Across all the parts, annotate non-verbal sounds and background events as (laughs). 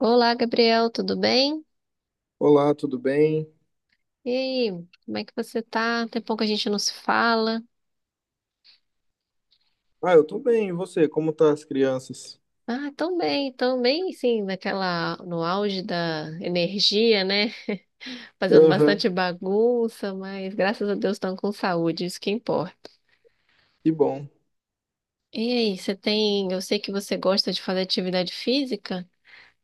Olá, Gabriel, tudo bem? Olá, tudo bem? E aí, como é que você tá? Tem pouco que a gente não se fala. Ah, eu tô bem, e você? Como tá as crianças? Ah, tão bem, sim, naquela, no auge da energia, né? Fazendo Aham, bastante bagunça, mas graças a Deus estão com saúde, isso que importa. que bom. E aí, você tem, eu sei que você gosta de fazer atividade física,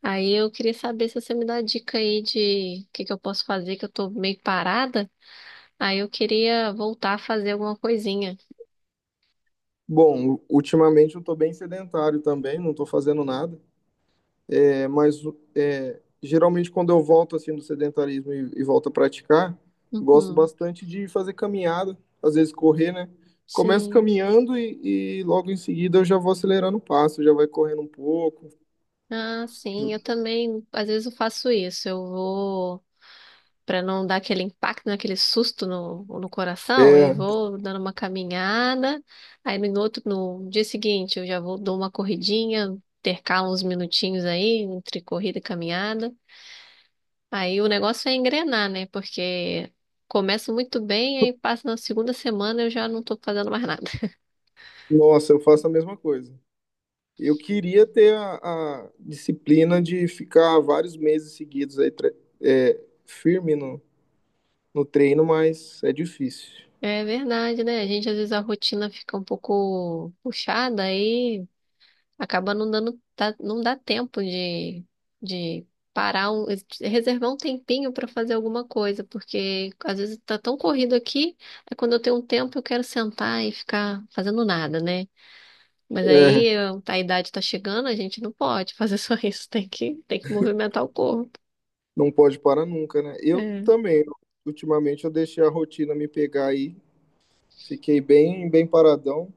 aí eu queria saber se você me dá dica aí de o que que eu posso fazer, que eu tô meio parada, aí eu queria voltar a fazer alguma coisinha. Bom, ultimamente eu tô bem sedentário também, não tô fazendo nada. É, mas geralmente quando eu volto assim do sedentarismo e volto a praticar, eu gosto Uhum. bastante de fazer caminhada, às vezes correr, né? Começo Sim. caminhando e logo em seguida eu já vou acelerando o passo, já vai correndo um pouco. Ah, sim, eu também, às vezes eu faço isso. Eu vou, para não dar aquele impacto, né, aquele susto no coração, eu É, vou dando uma caminhada. Aí no outro, no dia seguinte, eu já vou dou uma corridinha, intercalo uns minutinhos aí entre corrida e caminhada. Aí o negócio é engrenar, né? Porque começa muito bem, aí passa na segunda semana eu já não tô fazendo mais nada. (laughs) nossa, eu faço a mesma coisa. Eu queria ter a disciplina de ficar vários meses seguidos aí, firme no treino, mas é difícil. É verdade, né? A gente às vezes a rotina fica um pouco puxada aí acaba não dando, não dá tempo de parar reservar um tempinho para fazer alguma coisa, porque às vezes tá tão corrido aqui, é quando eu tenho um tempo eu quero sentar e ficar fazendo nada, né? Mas É, tá, a idade tá chegando, a gente não pode (laughs) fazer só isso, tem que movimentar o corpo. não pode parar nunca, né? Eu É. também, ultimamente eu deixei a rotina me pegar aí, fiquei bem paradão.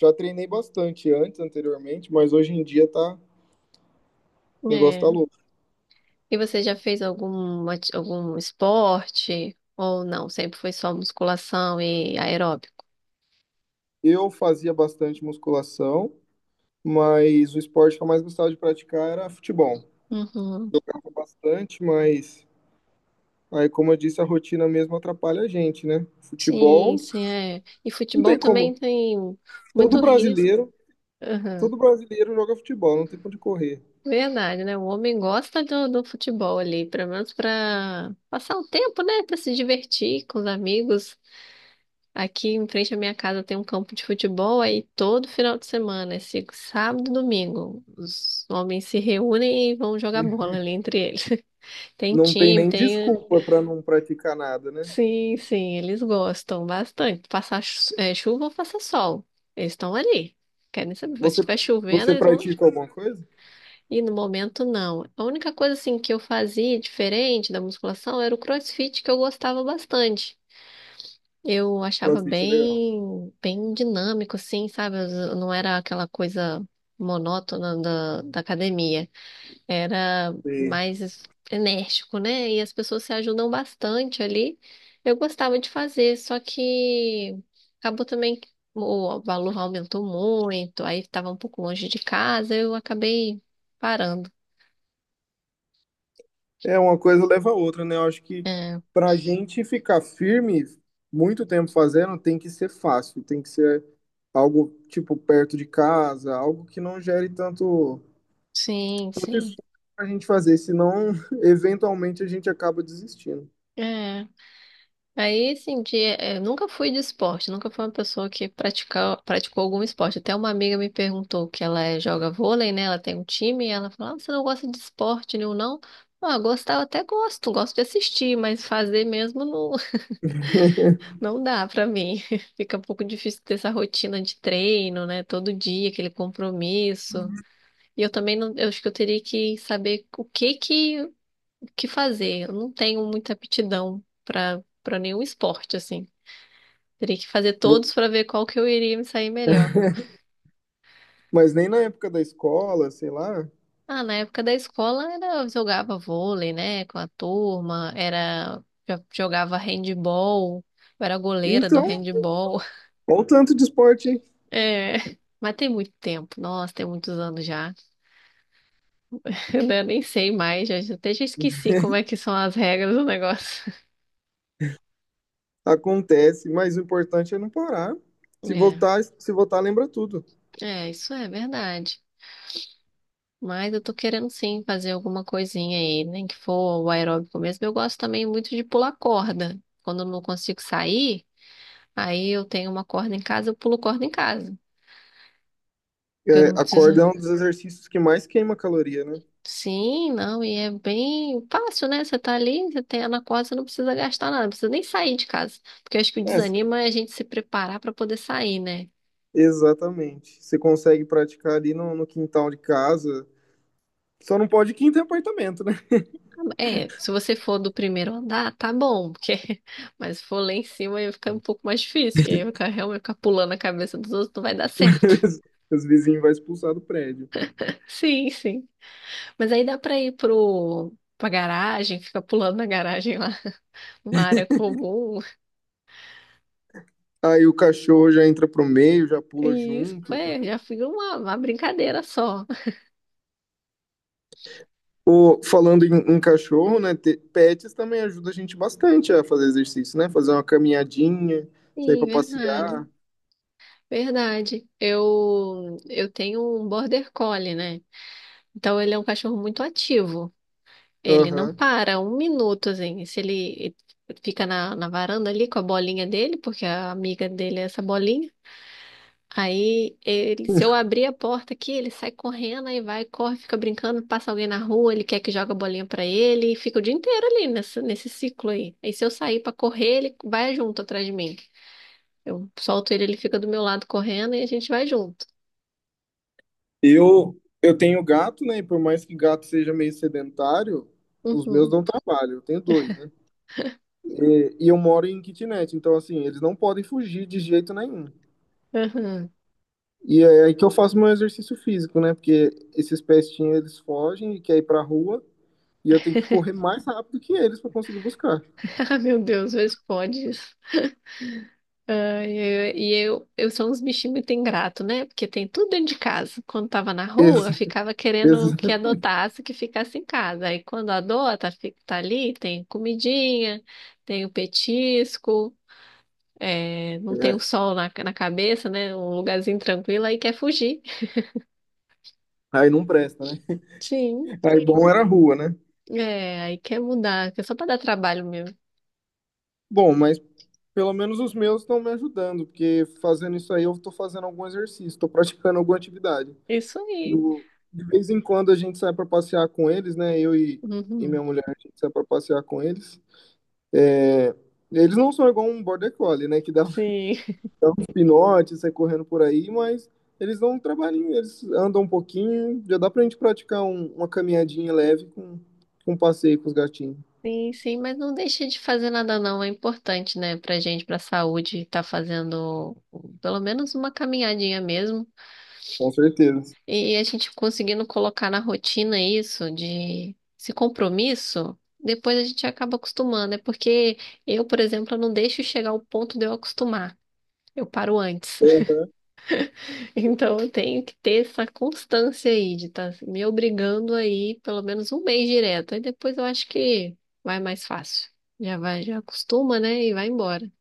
Já treinei bastante antes, anteriormente, mas hoje em dia tá, o negócio tá É. louco. E você já fez algum esporte? Ou não? Sempre foi só musculação e aeróbico? Eu fazia bastante musculação, mas o esporte que eu mais gostava de praticar era futebol. Uhum. Bastante, mas aí, como eu disse, a rotina mesmo atrapalha a gente, né? Sim, Futebol, sim, é. E não futebol tem também como. tem Todo muito risco. brasileiro, Aham. todo brasileiro joga futebol, não tem pra onde correr. Verdade, né? O homem gosta do futebol ali, pelo menos para passar o tempo, né? Para se divertir com os amigos. Aqui em frente à minha casa tem um campo de futebol, aí todo final de semana, esse sábado e domingo, os homens se reúnem e vão jogar bola ali entre eles. (laughs) Tem Não tem time, nem tem. desculpa pra não praticar nada, né? Sim, sim, eles gostam bastante. Passar chuva ou passar sol. Eles estão ali. Querem saber. Se Você, estiver chovendo, você eles vão. pratica alguma coisa? E no momento, não. A única coisa assim que eu fazia diferente da musculação era o CrossFit, que eu gostava bastante. Eu achava Crossfit é legal. bem, bem dinâmico, assim, sabe? Eu não era aquela coisa monótona da academia, era E mais enérgico, né? E as pessoas se ajudam bastante ali. Eu gostava de fazer, só que acabou também que o valor aumentou muito, aí estava um pouco longe de casa, eu acabei parando. é uma coisa leva a outra, né? Eu acho que É, pra gente ficar firme muito tempo fazendo, tem que ser fácil, tem que ser algo tipo perto de casa, algo que não gere tanto sim, tanto sim. esforço para a gente fazer, senão (laughs) eventualmente a gente acaba desistindo. É. Aí, assim, nunca fui de esporte, nunca fui uma pessoa que praticou algum esporte. Até uma amiga me perguntou que joga vôlei, né? Ela tem um time, e ela falou, ah, você não gosta de esporte nenhum, não? Ah, gostar eu até gosto, gosto de assistir, mas fazer mesmo não, (laughs) não dá pra mim. (laughs) Fica um pouco difícil ter essa rotina de treino, né? Todo dia, aquele compromisso. E eu também não, eu acho que eu teria que saber o que fazer. Eu não tenho muita aptidão pra para nenhum esporte, assim. Teria que fazer Vo- todos para ver qual que eu iria me sair melhor. Mas nem na época da escola, sei lá. Ah, na época da escola era, eu jogava vôlei, né, com a turma, era jogava handball, eu era goleira do Então, handball. (laughs) olha o tanto de esporte É, mas tem muito tempo, nossa, tem muitos anos já. (laughs) Eu nem sei mais, já, até já esqueci como é que são as regras do negócio. (laughs) acontece, mas o importante é não parar. Se É, voltar, se voltar, lembra tudo. é, isso é verdade. Mas eu tô querendo sim fazer alguma coisinha aí, nem que for o aeróbico mesmo. Eu gosto também muito de pular corda. Quando eu não consigo sair, aí eu tenho uma corda em casa, eu pulo corda em casa. Porque eu É, não a preciso. corda é um dos exercícios que mais queima caloria, né? Sim, não, e é bem fácil, né? Você tá ali, você tem a na corda, você não precisa gastar nada, não precisa nem sair de casa. Porque eu acho que o É, desanima é a gente se preparar pra poder sair, né? exatamente. Você consegue praticar ali no quintal de casa. Só não pode quinta em apartamento, né? É, se você for do primeiro andar, tá bom, porque (laughs) mas se for lá em cima aí fica um pouco mais difícil, porque aí ficar pulando a cabeça dos outros não vai dar certo. (laughs) Os vizinhos vão expulsar do prédio. (laughs) Sim, sim. Mas aí dá pra ir pro pra garagem, fica pulando na garagem lá, uma área comum. Aí o cachorro já entra pro meio, já pula Isso, junto. é, já fui uma brincadeira só. O, falando em cachorro, né? Pets também ajuda a gente bastante a fazer exercício, né? Fazer uma caminhadinha, sair Sim, pra verdade. passear. Verdade. Eu tenho um Border Collie, né? Então ele é um cachorro muito ativo. Ele não Aham. para um minuto, assim. Se ele fica na varanda ali com a bolinha dele, porque a amiga dele é essa bolinha. Aí, ele, se eu abrir a porta aqui, ele sai correndo, aí vai, corre, fica brincando, passa alguém na rua, ele quer que joga a bolinha pra ele, e fica o dia inteiro ali nesse ciclo aí. Aí, se eu sair pra correr, ele vai junto atrás de mim. Eu solto ele, ele fica do meu lado correndo e a gente vai junto. Eu tenho gato, né? E por mais que gato seja meio sedentário, os meus Uhum, dão trabalho. Eu tenho dois, né? E eu moro em kitnet, então assim, eles não podem fugir de jeito nenhum. uhum. E é aí que eu faço meu exercício físico, né? Porque esses pestinhos eles fogem e querem ir pra rua, e eu tenho que correr mais rápido que eles pra conseguir buscar. (laughs) Ah, meu Deus, vê se Ah, e eu sou uns bichinhos muito ingrato, né? Porque tem tudo dentro de casa. Quando tava na Ex rua, ficava querendo ex- que adotasse, que ficasse em casa. Aí quando adota, fica, tá ali, tem comidinha, tem o petisco, é, não tem o sol na cabeça, né? Um lugarzinho tranquilo, aí quer fugir. Aí não presta, né? Sim, Aí bom era a rua, né? é, aí quer mudar, que é só pra dar trabalho mesmo. Bom, mas pelo menos os meus estão me ajudando, porque fazendo isso aí eu estou fazendo algum exercício, estou praticando alguma atividade. Isso aí. De vez em quando a gente sai para passear com eles, né? E minha Uhum, mulher, a gente sai para passear com eles. É, eles não são igual um border collie, né? Que dá um (laughs) sim. pinote, sai correndo por aí, mas eles dão um trabalhinho, eles andam um pouquinho, já dá pra gente praticar uma caminhadinha leve com um passeio com os gatinhos. Sim, sim, mas não deixa de fazer nada não, é importante, né, pra gente, pra saúde, tá fazendo pelo menos uma caminhadinha mesmo. Com certeza. E a gente conseguindo colocar na rotina isso de esse compromisso, depois a gente acaba acostumando. É porque eu, por exemplo, eu não deixo chegar ao ponto de eu acostumar. Eu paro antes. Então eu tenho que ter essa constância aí de estar me obrigando aí pelo menos um mês direto. Aí depois eu acho que vai mais fácil. Já vai, já acostuma, né? E vai embora.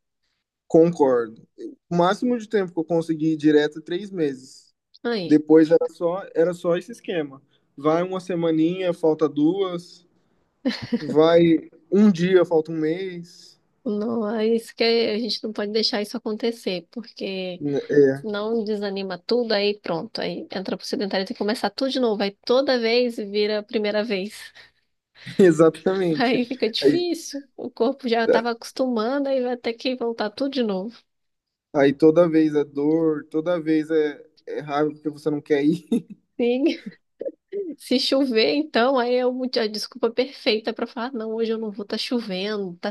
Concordo. O máximo de tempo que eu consegui ir direto é 3 meses. Aí, Depois era só esse esquema. Vai uma semaninha, falta duas. Vai um dia, falta um mês. não, é isso que a gente não pode deixar isso acontecer, porque Né, É, senão desanima tudo, aí pronto. Aí entra pro sedentário, tem que começar tudo de novo. Aí toda vez vira a primeira vez. (laughs) (laughs) exatamente. Aí fica Aí, difícil. O corpo já tá- estava acostumando, aí vai ter que voltar tudo de novo. Aí toda vez é dor, toda vez é raiva porque você não quer ir. Sim. Se chover, então, aí é a desculpa perfeita para falar, "Ah, não, hoje eu não vou, tá chovendo, tá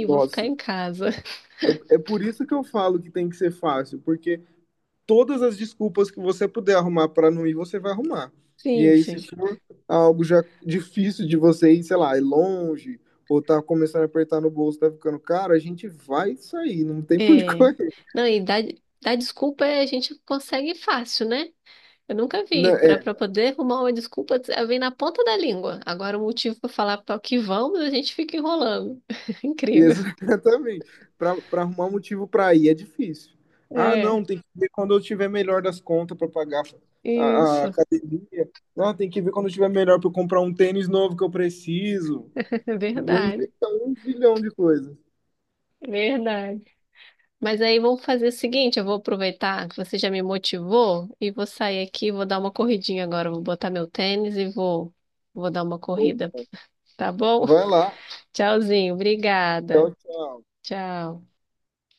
(laughs) vou ficar Nossa, em casa." (laughs) é por isso que eu falo que tem que ser fácil, porque todas as desculpas que você puder arrumar para não ir, você vai arrumar. E Sim, aí, se sim. for algo já difícil de você ir, sei lá, ir longe, ou tá começando a apertar no bolso, tá ficando caro, a gente vai sair, não tem por onde (laughs) É. correr. Não, e dar desculpa a gente consegue fácil, né? Eu nunca Né? vi. É, Para poder arrumar uma desculpa, vem na ponta da língua. Agora, o motivo para falar para o que vamos, a gente fica enrolando. (laughs) Incrível. exatamente. Para arrumar um motivo para ir é difícil. Ah, É, não, tem que ver quando eu tiver melhor das contas para pagar a isso. (laughs) academia. Não, tem que ver quando eu tiver melhor para comprar um tênis novo que eu preciso. É E aí, verdade. inventa um zilhão de coisas. É verdade. Mas aí vamos fazer o seguinte, eu vou aproveitar que você já me motivou e vou sair aqui, vou dar uma corridinha agora, vou botar meu tênis e vou dar uma corrida, tá bom? Vai lá. (laughs) Tchauzinho, obrigada. Tchau, tchau. Tchau.